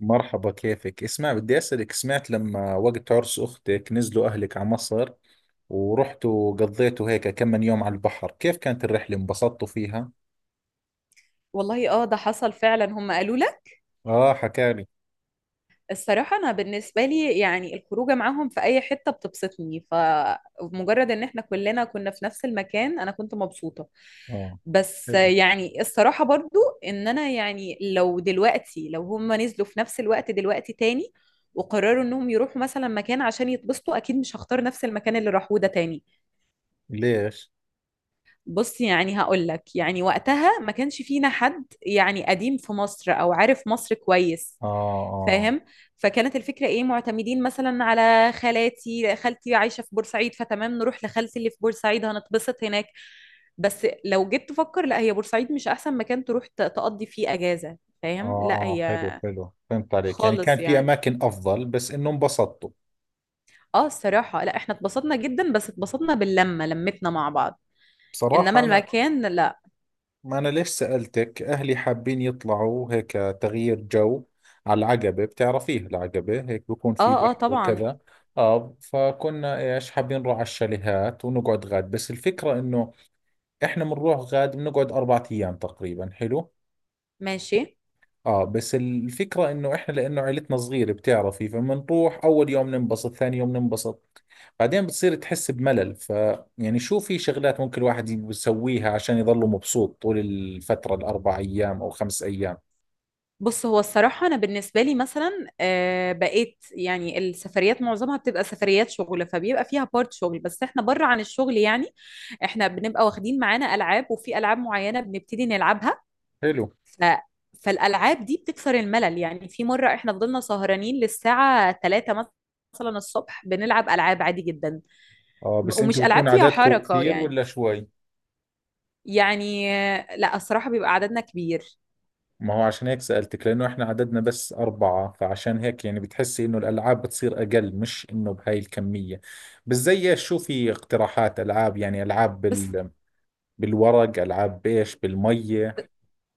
مرحبا، كيفك؟ اسمع، بدي أسألك، سمعت لما وقت عرس أختك نزلوا أهلك على مصر ورحتوا قضيتوا هيك كم من يوم على البحر، كيف كانت الرحلة، انبسطتوا فيها؟ والله ده حصل فعلا، هم قالوا لك. آه، حكالي. الصراحة أنا بالنسبة لي يعني الخروجة معاهم في أي حتة بتبسطني، فمجرد إن احنا كلنا كنا في نفس المكان أنا كنت مبسوطة. آه، بس حلو. يعني الصراحة برضو إن أنا يعني لو دلوقتي لو هم نزلوا في نفس الوقت دلوقتي تاني وقرروا إنهم يروحوا مثلا مكان عشان يتبسطوا، أكيد مش هختار نفس المكان اللي راحوه ده تاني. ليش؟ بص يعني هقول لك، يعني وقتها ما كانش فينا حد يعني قديم في مصر أو عارف مصر كويس، آه، آه. فاهم؟ فكانت الفكره ايه، معتمدين مثلا على خالاتي، خالتي عايشه في بورسعيد فتمام نروح لخالتي اللي في بورسعيد هنتبسط هناك. بس لو جيت تفكر لا، هي بورسعيد مش احسن مكان تروح تقضي فيه اجازه، آه، فاهم؟ لا آه، حلو هي حلو، فهمت عليك، يعني كان خالص في يعني. أماكن أفضل بس إنه انبسطتوا. اه الصراحه لا احنا اتبسطنا جدا، بس اتبسطنا باللمه، لمتنا مع بعض، انما بصراحة أنا. المكان لا. ما أنا ليش سألتك؟ أهلي حابين يطلعوا هيك تغيير جو، على العقبة. بتعرفيها العقبة؟ هيك بكون في اه اه بحر طبعا. وكذا. آه، فكنا إيش حابين نروح على الشاليهات ونقعد غاد، بس الفكرة إنه إحنا بنروح غاد بنقعد 4 أيام تقريبا، حلو. ماشي. اه، بس الفكرة انه احنا لانه عيلتنا صغيرة بتعرفي، فبنروح اول يوم ننبسط، ثاني يوم ننبسط، بعدين بتصير تحس بملل، يعني شو في شغلات ممكن الواحد يسويها عشان يضله مبسوط طول الفترة الاربع ايام او 5 ايام؟ بص، هو الصراحة أنا بالنسبة لي مثلا بقيت يعني السفريات معظمها بتبقى سفريات شغل، فبيبقى فيها بارت شغل. بس احنا بره عن الشغل يعني، احنا بنبقى واخدين معانا ألعاب، وفي ألعاب معينة بنبتدي نلعبها. حلو. ف... فالألعاب دي بتكسر الملل، يعني في مرة احنا فضلنا سهرانين للساعة 3، مثلا الصبح بنلعب ألعاب عادي جدا، اه، بس ومش انتوا بتكون ألعاب فيها عددكم حركة كثير يعني. ولا شوي؟ يعني لا الصراحة بيبقى عددنا كبير. ما هو عشان هيك سألتك، لانه احنا عددنا بس 4، فعشان هيك يعني بتحسي انه الالعاب بتصير اقل، مش انه بهاي الكمية. بس زي ايش؟ شو في اقتراحات العاب؟ يعني العاب بس بالورق، ألعاب بيش بالمية.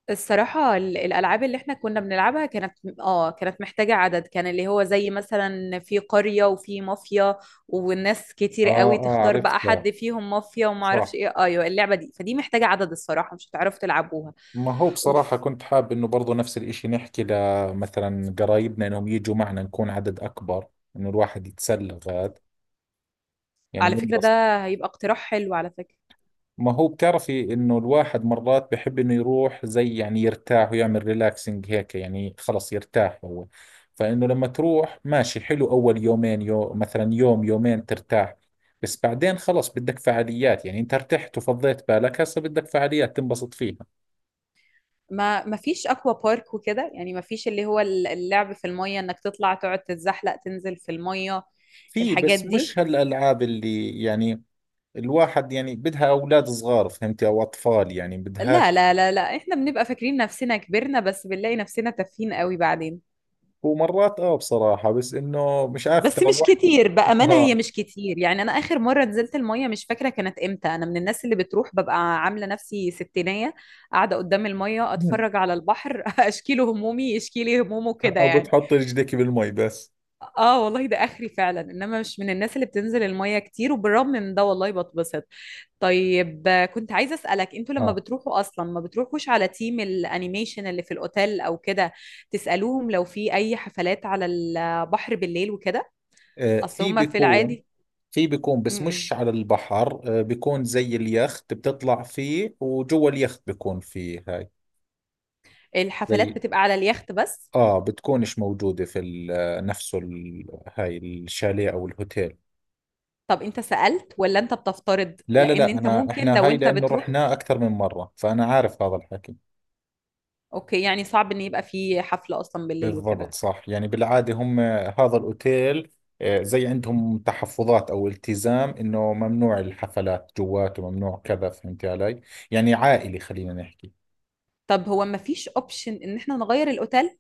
الصراحة الألعاب اللي احنا كنا بنلعبها كانت، اه كانت محتاجة عدد، كان اللي هو زي مثلا في قرية وفي مافيا، والناس كتير آه، قوي آه، تختار بقى عرفتها. حد فيهم مافيا وما اعرفش صح. ايه، ايوه اللعبة دي. فدي محتاجة عدد الصراحة، مش هتعرفوا تلعبوها. ما هو بصراحة اوف، كنت حاب إنه برضو نفس الإشي، نحكي لمثلا قرايبنا إنهم يجوا معنا نكون عدد أكبر، إنه الواحد يتسلى غاد، يعني على من. فكرة ده هيبقى اقتراح حلو على فكرة. ما هو بتعرفي انه الواحد مرات بحب انه يروح زي يعني يرتاح ويعمل ريلاكسنج هيك، يعني خلص يرتاح هو. فانه لما تروح، ماشي حلو اول يومين، مثلا يوم يومين ترتاح، بس بعدين خلص بدك فعاليات، يعني انت ارتحت وفضيت بالك، هسه بدك فعاليات تنبسط فيها. ما فيش اكوا بارك وكده، يعني ما فيش اللي هو اللعب في المية، انك تطلع تقعد تتزحلق تنزل في المية، في الحاجات بس دي. مش هالالعاب اللي يعني الواحد يعني بدها اولاد صغار، فهمتي، او اطفال، يعني لا بدهاش. لا لا لا، احنا بنبقى فاكرين نفسنا كبرنا، بس بنلاقي نفسنا تافهين قوي بعدين. ومرات اه بصراحة، بس انه مش عارف، بس ترى مش الواحد. كتير بأمانة، هي اه. مش كتير، يعني انا اخر مرة نزلت المية مش فاكرة كانت امتى. انا من الناس اللي بتروح ببقى عاملة نفسي ستينية قاعدة قدام المية، اتفرج على البحر اشكيله همومي يشكيلي همومه كده او يعني. بتحط رجلك بالمي بس. اه والله ده اخري فعلا، انما مش من الناس اللي بتنزل المية كتير، وبالرغم من ده والله بتبسط. طيب كنت عايزة اسألك، انتوا لما اه. بتروحوا اصلا ما بتروحوش على تيم الانيميشن اللي في الاوتيل او كده تسألوهم لو في اي حفلات على البحر بالليل وكده؟ اصل في هما في بيكون. العادي. في بيكون بس م-م. مش على البحر، بيكون زي اليخت، بتطلع فيه وجوا اليخت بيكون فيه هاي. الحفلات زي بتبقى على اليخت بس. اه بتكونش موجودة في نفسه هاي الشاليه او الهوتيل. طب انت سألت ولا انت بتفترض؟ لا لا لان لا، انت انا ممكن احنا لو هاي انت لانه بتروح. رحناه اكثر من مرة، فانا عارف هذا الحكي. اوكي، يعني صعب ان يبقى في حفلة اصلا بالليل بالضبط، وكده. صح، يعني بالعادة هم هذا الأوتيل، زي عندهم تحفظات أو التزام إنه ممنوع الحفلات جواته، ممنوع كذا، فهمت علي، يعني عائلي خلينا نحكي. طب هو ما فيش اوبشن ان احنا نغير الاوتيل؟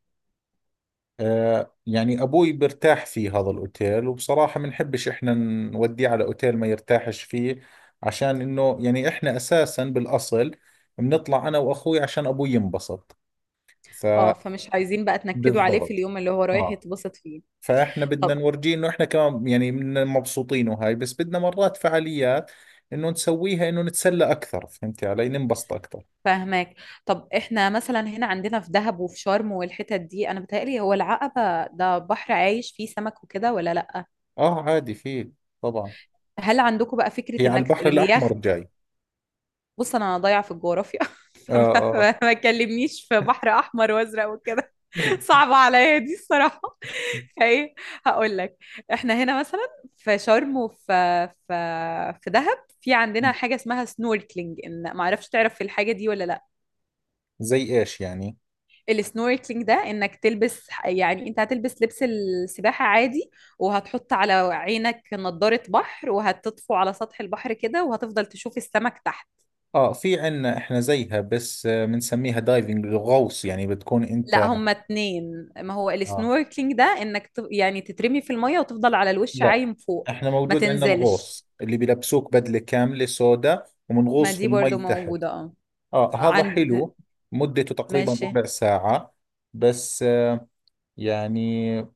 يعني أبوي برتاح في هذا الأوتيل، وبصراحة بنحبش إحنا نوديه على أوتيل ما يرتاحش فيه، عشان إنه يعني إحنا أساسا بالأصل بنطلع أنا وأخوي عشان أبوي ينبسط، اه، فبالضبط. فمش عايزين بقى تنكدوا عليه في اليوم اللي هو رايح آه يتبسط فيه. فاحنا بدنا طب نورجيه انه احنا كمان يعني من مبسوطين وهاي، بس بدنا مرات فعاليات، انه نسويها انه نتسلى اكثر، فهمتي علي، ننبسط اكثر. فاهماك. طب احنا مثلا هنا عندنا في دهب وفي شرم والحتت دي، انا بتهيألي هو العقبة ده بحر عايش فيه سمك وكده، ولا لأ؟ اه عادي، في طبعا. هل عندكم بقى هي فكرة على انك البحر الاحمر اليخت. جاي. بص انا ضايعة في الجغرافيا اه، فما اه. ما تكلمنيش في بحر احمر وازرق وكده صعبة عليا دي الصراحة فايه، هقول لك، احنا هنا مثلا في شرم وفي في في دهب، في عندنا حاجة اسمها سنوركلينج، ان ما اعرفش تعرف في الحاجة دي ولا لا. زي ايش يعني؟ السنوركلينج ده انك تلبس، يعني انت هتلبس لبس السباحة عادي، وهتحط على عينك نضارة بحر، وهتطفو على سطح البحر كده وهتفضل تشوف السمك تحت. اه، في عنا احنا زيها، بس بنسميها دايفنج، الغوص، يعني بتكون لا انت. هما اتنين، ما هو آه. السنوركلينج ده انك يعني تترمي في المية وتفضل على الوش لا. عايم فوق، احنا ما موجود عندنا تنزلش. الغوص اللي بيلبسوك بدلة كاملة سوداء، ما ومنغوص في دي المي برضو تحت. موجودة اه آه، هذا عند. حلو. مدته تقريبا ماشي. ربع ساعة. بس يعني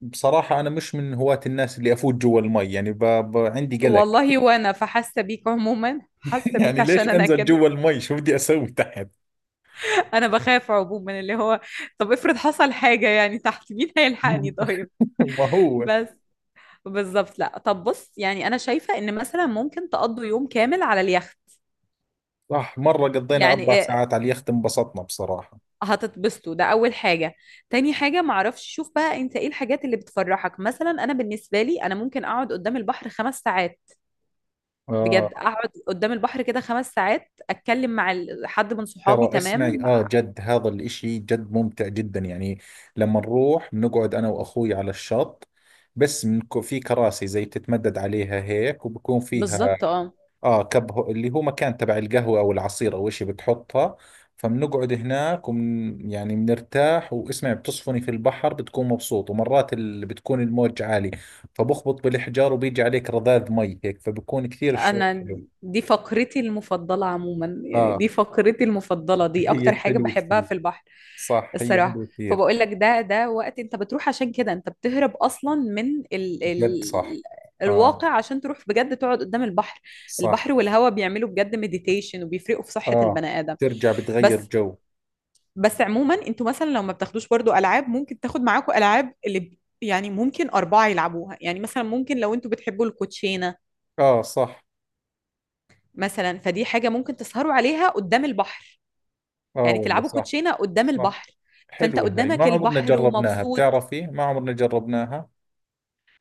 بصراحة أنا مش من هواة الناس اللي أفوت جوا المي، يعني عندي قلق. والله وانا فحاسة بيك عموما، حاسة بيك يعني ليش عشان انا أنزل كده جوا المي؟ شو بدي أسوي تحت؟ انا بخاف عموما اللي هو، طب افرض حصل حاجة يعني تحت، مين هيلحقني طيب؟ ما هو. بس بالظبط، لا طب بص، يعني انا شايفة ان مثلا ممكن تقضوا يوم كامل على اليخت. صح، مرة قضينا يعني أربع إيه، ساعات على اليخت، انبسطنا بصراحة. هتتبسطوا، ده اول حاجة. تاني حاجة معرفش، شوف بقى انت ايه الحاجات اللي بتفرحك. مثلا انا بالنسبة لي انا ممكن اقعد قدام البحر خمس ساعات، آه، بجد اقعد قدام البحر كده خمس ساعات اتكلم مع حد من صحابي ترى اسمعي، تمام. جد هذا الإشي جد ممتع جدا، يعني لما نروح بنقعد أنا وأخوي على الشط، بس في كراسي زي بتتمدد عليها هيك، وبكون فيها بالظبط اه، اه اللي هو مكان تبع القهوة او العصير او اشي بتحطها، فبنقعد هناك ومن يعني بنرتاح. واسمعي، بتصفني في البحر، بتكون مبسوط، ومرات بتكون الموج عالي، فبخبط بالحجار وبيجي عليك رذاذ مي هيك، فبكون كثير الشعور انا حلو. دي فقرتي المفضله عموما، يعني دي اه. فقرتي المفضله، دي هي اكتر حاجه حلوة بحبها كثير. في البحر، صح، هي الصراحه. حلوة كثير. فبقول لك ده وقت انت بتروح عشان كده، انت بتهرب اصلا من ال ال جد صح. اه، الواقع، عشان تروح بجد تقعد قدام البحر. صح. البحر والهواء بيعملوا بجد مديتيشن، وبيفرقوا في صحة اه، البني آدم. ترجع بتغير بس جو. بس عموما انتوا مثلا لو ما بتاخدوش برضو العاب، ممكن تاخد معاكم العاب اللي يعني ممكن اربعه يلعبوها، يعني مثلا ممكن لو انتوا بتحبوا الكوتشينه اه صح. مثلا، فدي حاجه ممكن تسهروا عليها قدام البحر، اه يعني والله، تلعبوا صح، كوتشينه قدام صح. البحر، فانت حلوة هاي، ما قدامك عمرنا البحر جربناها ومبسوط. بتعرفي، ما عمرنا جربناها.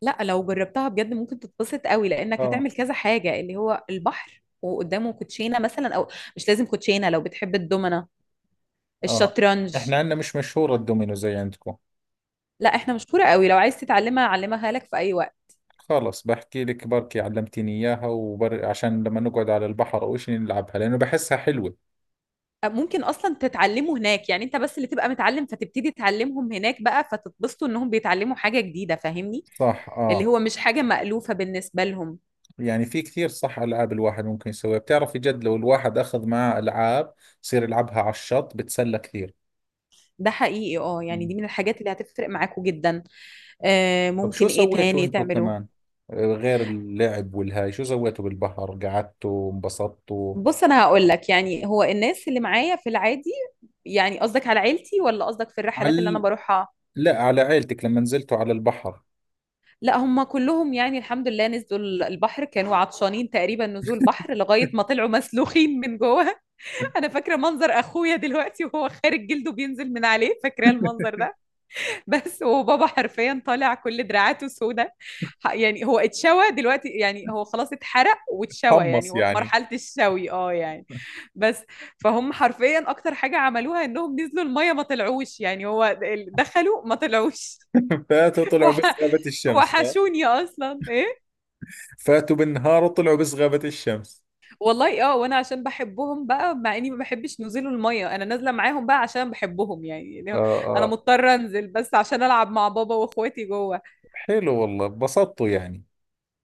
لا لو جربتها بجد ممكن تتبسط قوي، لانك اه، هتعمل كذا حاجه اللي هو البحر وقدامه كوتشينه مثلا، او مش لازم كوتشينه، لو بتحب الدومنه اه. الشطرنج. احنا عندنا مش مشهورة الدومينو زي عندكم. لا احنا مشهوره قوي، لو عايز تتعلمها اعلمها لك في اي وقت. خلص، بحكي لك بركي علمتيني اياها، عشان لما نقعد على البحر او شيء نلعبها، لانه بحسها حلوة. ممكن اصلا تتعلموا هناك، يعني انت بس اللي تبقى متعلم فتبتدي تعلمهم هناك بقى، فتتبسطوا انهم بيتعلموا حاجة جديدة، فاهمني؟ صح. اللي اه، هو مش حاجة مألوفة بالنسبة لهم. يعني في كثير، صح، العاب الواحد ممكن يسويها، بتعرفي جد لو الواحد اخذ معاه العاب، يصير يلعبها على الشط، بتسلى كثير. ده حقيقي اه، يعني مم. دي من الحاجات اللي هتفرق معاكوا جدا. آه طب ممكن شو ايه سويتوا تاني انتوا تعملوه. كمان؟ غير اللعب والهاي، شو سويتوا بالبحر؟ قعدتوا انبسطتوا؟ بص انا هقول لك، يعني هو الناس اللي معايا في العادي، يعني قصدك على عيلتي ولا قصدك في على الرحلات اللي انا ال- بروحها؟ لا، على عيلتك لما نزلتوا على البحر. لا هم كلهم، يعني الحمد لله نزلوا البحر، كانوا عطشانين تقريبا نزول بحر لغاية ما طلعوا مسلوخين من جوه. انا فاكره منظر اخويا دلوقتي وهو خارج جلده بينزل من عليه، فاكره المنظر ده. بس وبابا حرفيا طالع كل دراعاته سوداء، يعني هو اتشوى دلوقتي، يعني هو خلاص اتحرق واتشوى، يعني قمص هو في يعني. مرحله الشوي اه يعني. بس، فهم حرفيا اكتر حاجه عملوها انهم نزلوا الميه ما طلعوش، يعني هو دخلوا ما طلعوش فاتوا طلعوا بس وح- غابة الشمس. اه. وحشوني اصلا. فاتوا بالنهار وطلعوا بس غابة الشمس. والله اه، وانا عشان بحبهم بقى، مع اني ما بحبش نزول الميه، انا نازله معاهم بقى عشان بحبهم يعني اه، يعني انا اه، مضطره انزل بس عشان العب مع بابا واخواتي جوه. حلو والله، انبسطتوا يعني.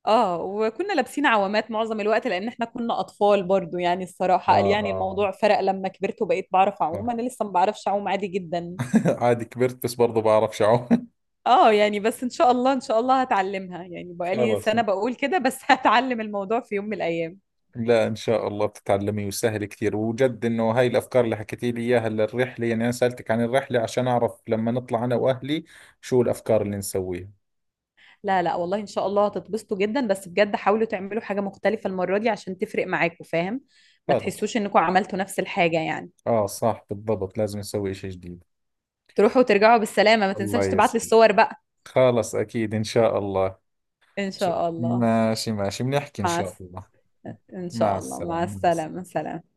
اه وكنا لابسين عوامات معظم الوقت، لان احنا كنا اطفال برضو يعني. اه، الصراحه قال يعني، اه. الموضوع فرق لما كبرت وبقيت بعرف اعوم، آه. انا لسه ما بعرفش اعوم عادي جدا عادي كبرت، بس برضو بعرف شعو. اه يعني. بس ان شاء الله ان شاء الله هتعلمها، يعني بقالي خلاص. سنه بقول كده بس هتعلم الموضوع في يوم من الايام. لا ان شاء الله بتتعلمي، وسهل كثير، وجد انه هاي الافكار اللي حكيتي لي اياها للرحله، يعني انا سالتك عن الرحله عشان اعرف لما نطلع انا واهلي شو الافكار اللي نسويها. لا لا والله ان شاء الله هتتبسطوا جدا، بس بجد حاولوا تعملوا حاجة مختلفة المرة دي عشان تفرق معاكم، فاهم؟ ما خلاص، تحسوش انكم عملتوا نفس الحاجة يعني. اه، صح بالضبط، لازم نسوي شيء جديد. تروحوا وترجعوا بالسلامة، ما الله تنساش تبعت لي يسلمك. الصور بقى. خلاص، اكيد ان شاء الله. ان ش- شاء الله. ماشي ماشي، بنحكي إن مع شاء الس- الله. ان مع شاء الله، مع السلامة، مع السلامة، السلامة. سلام.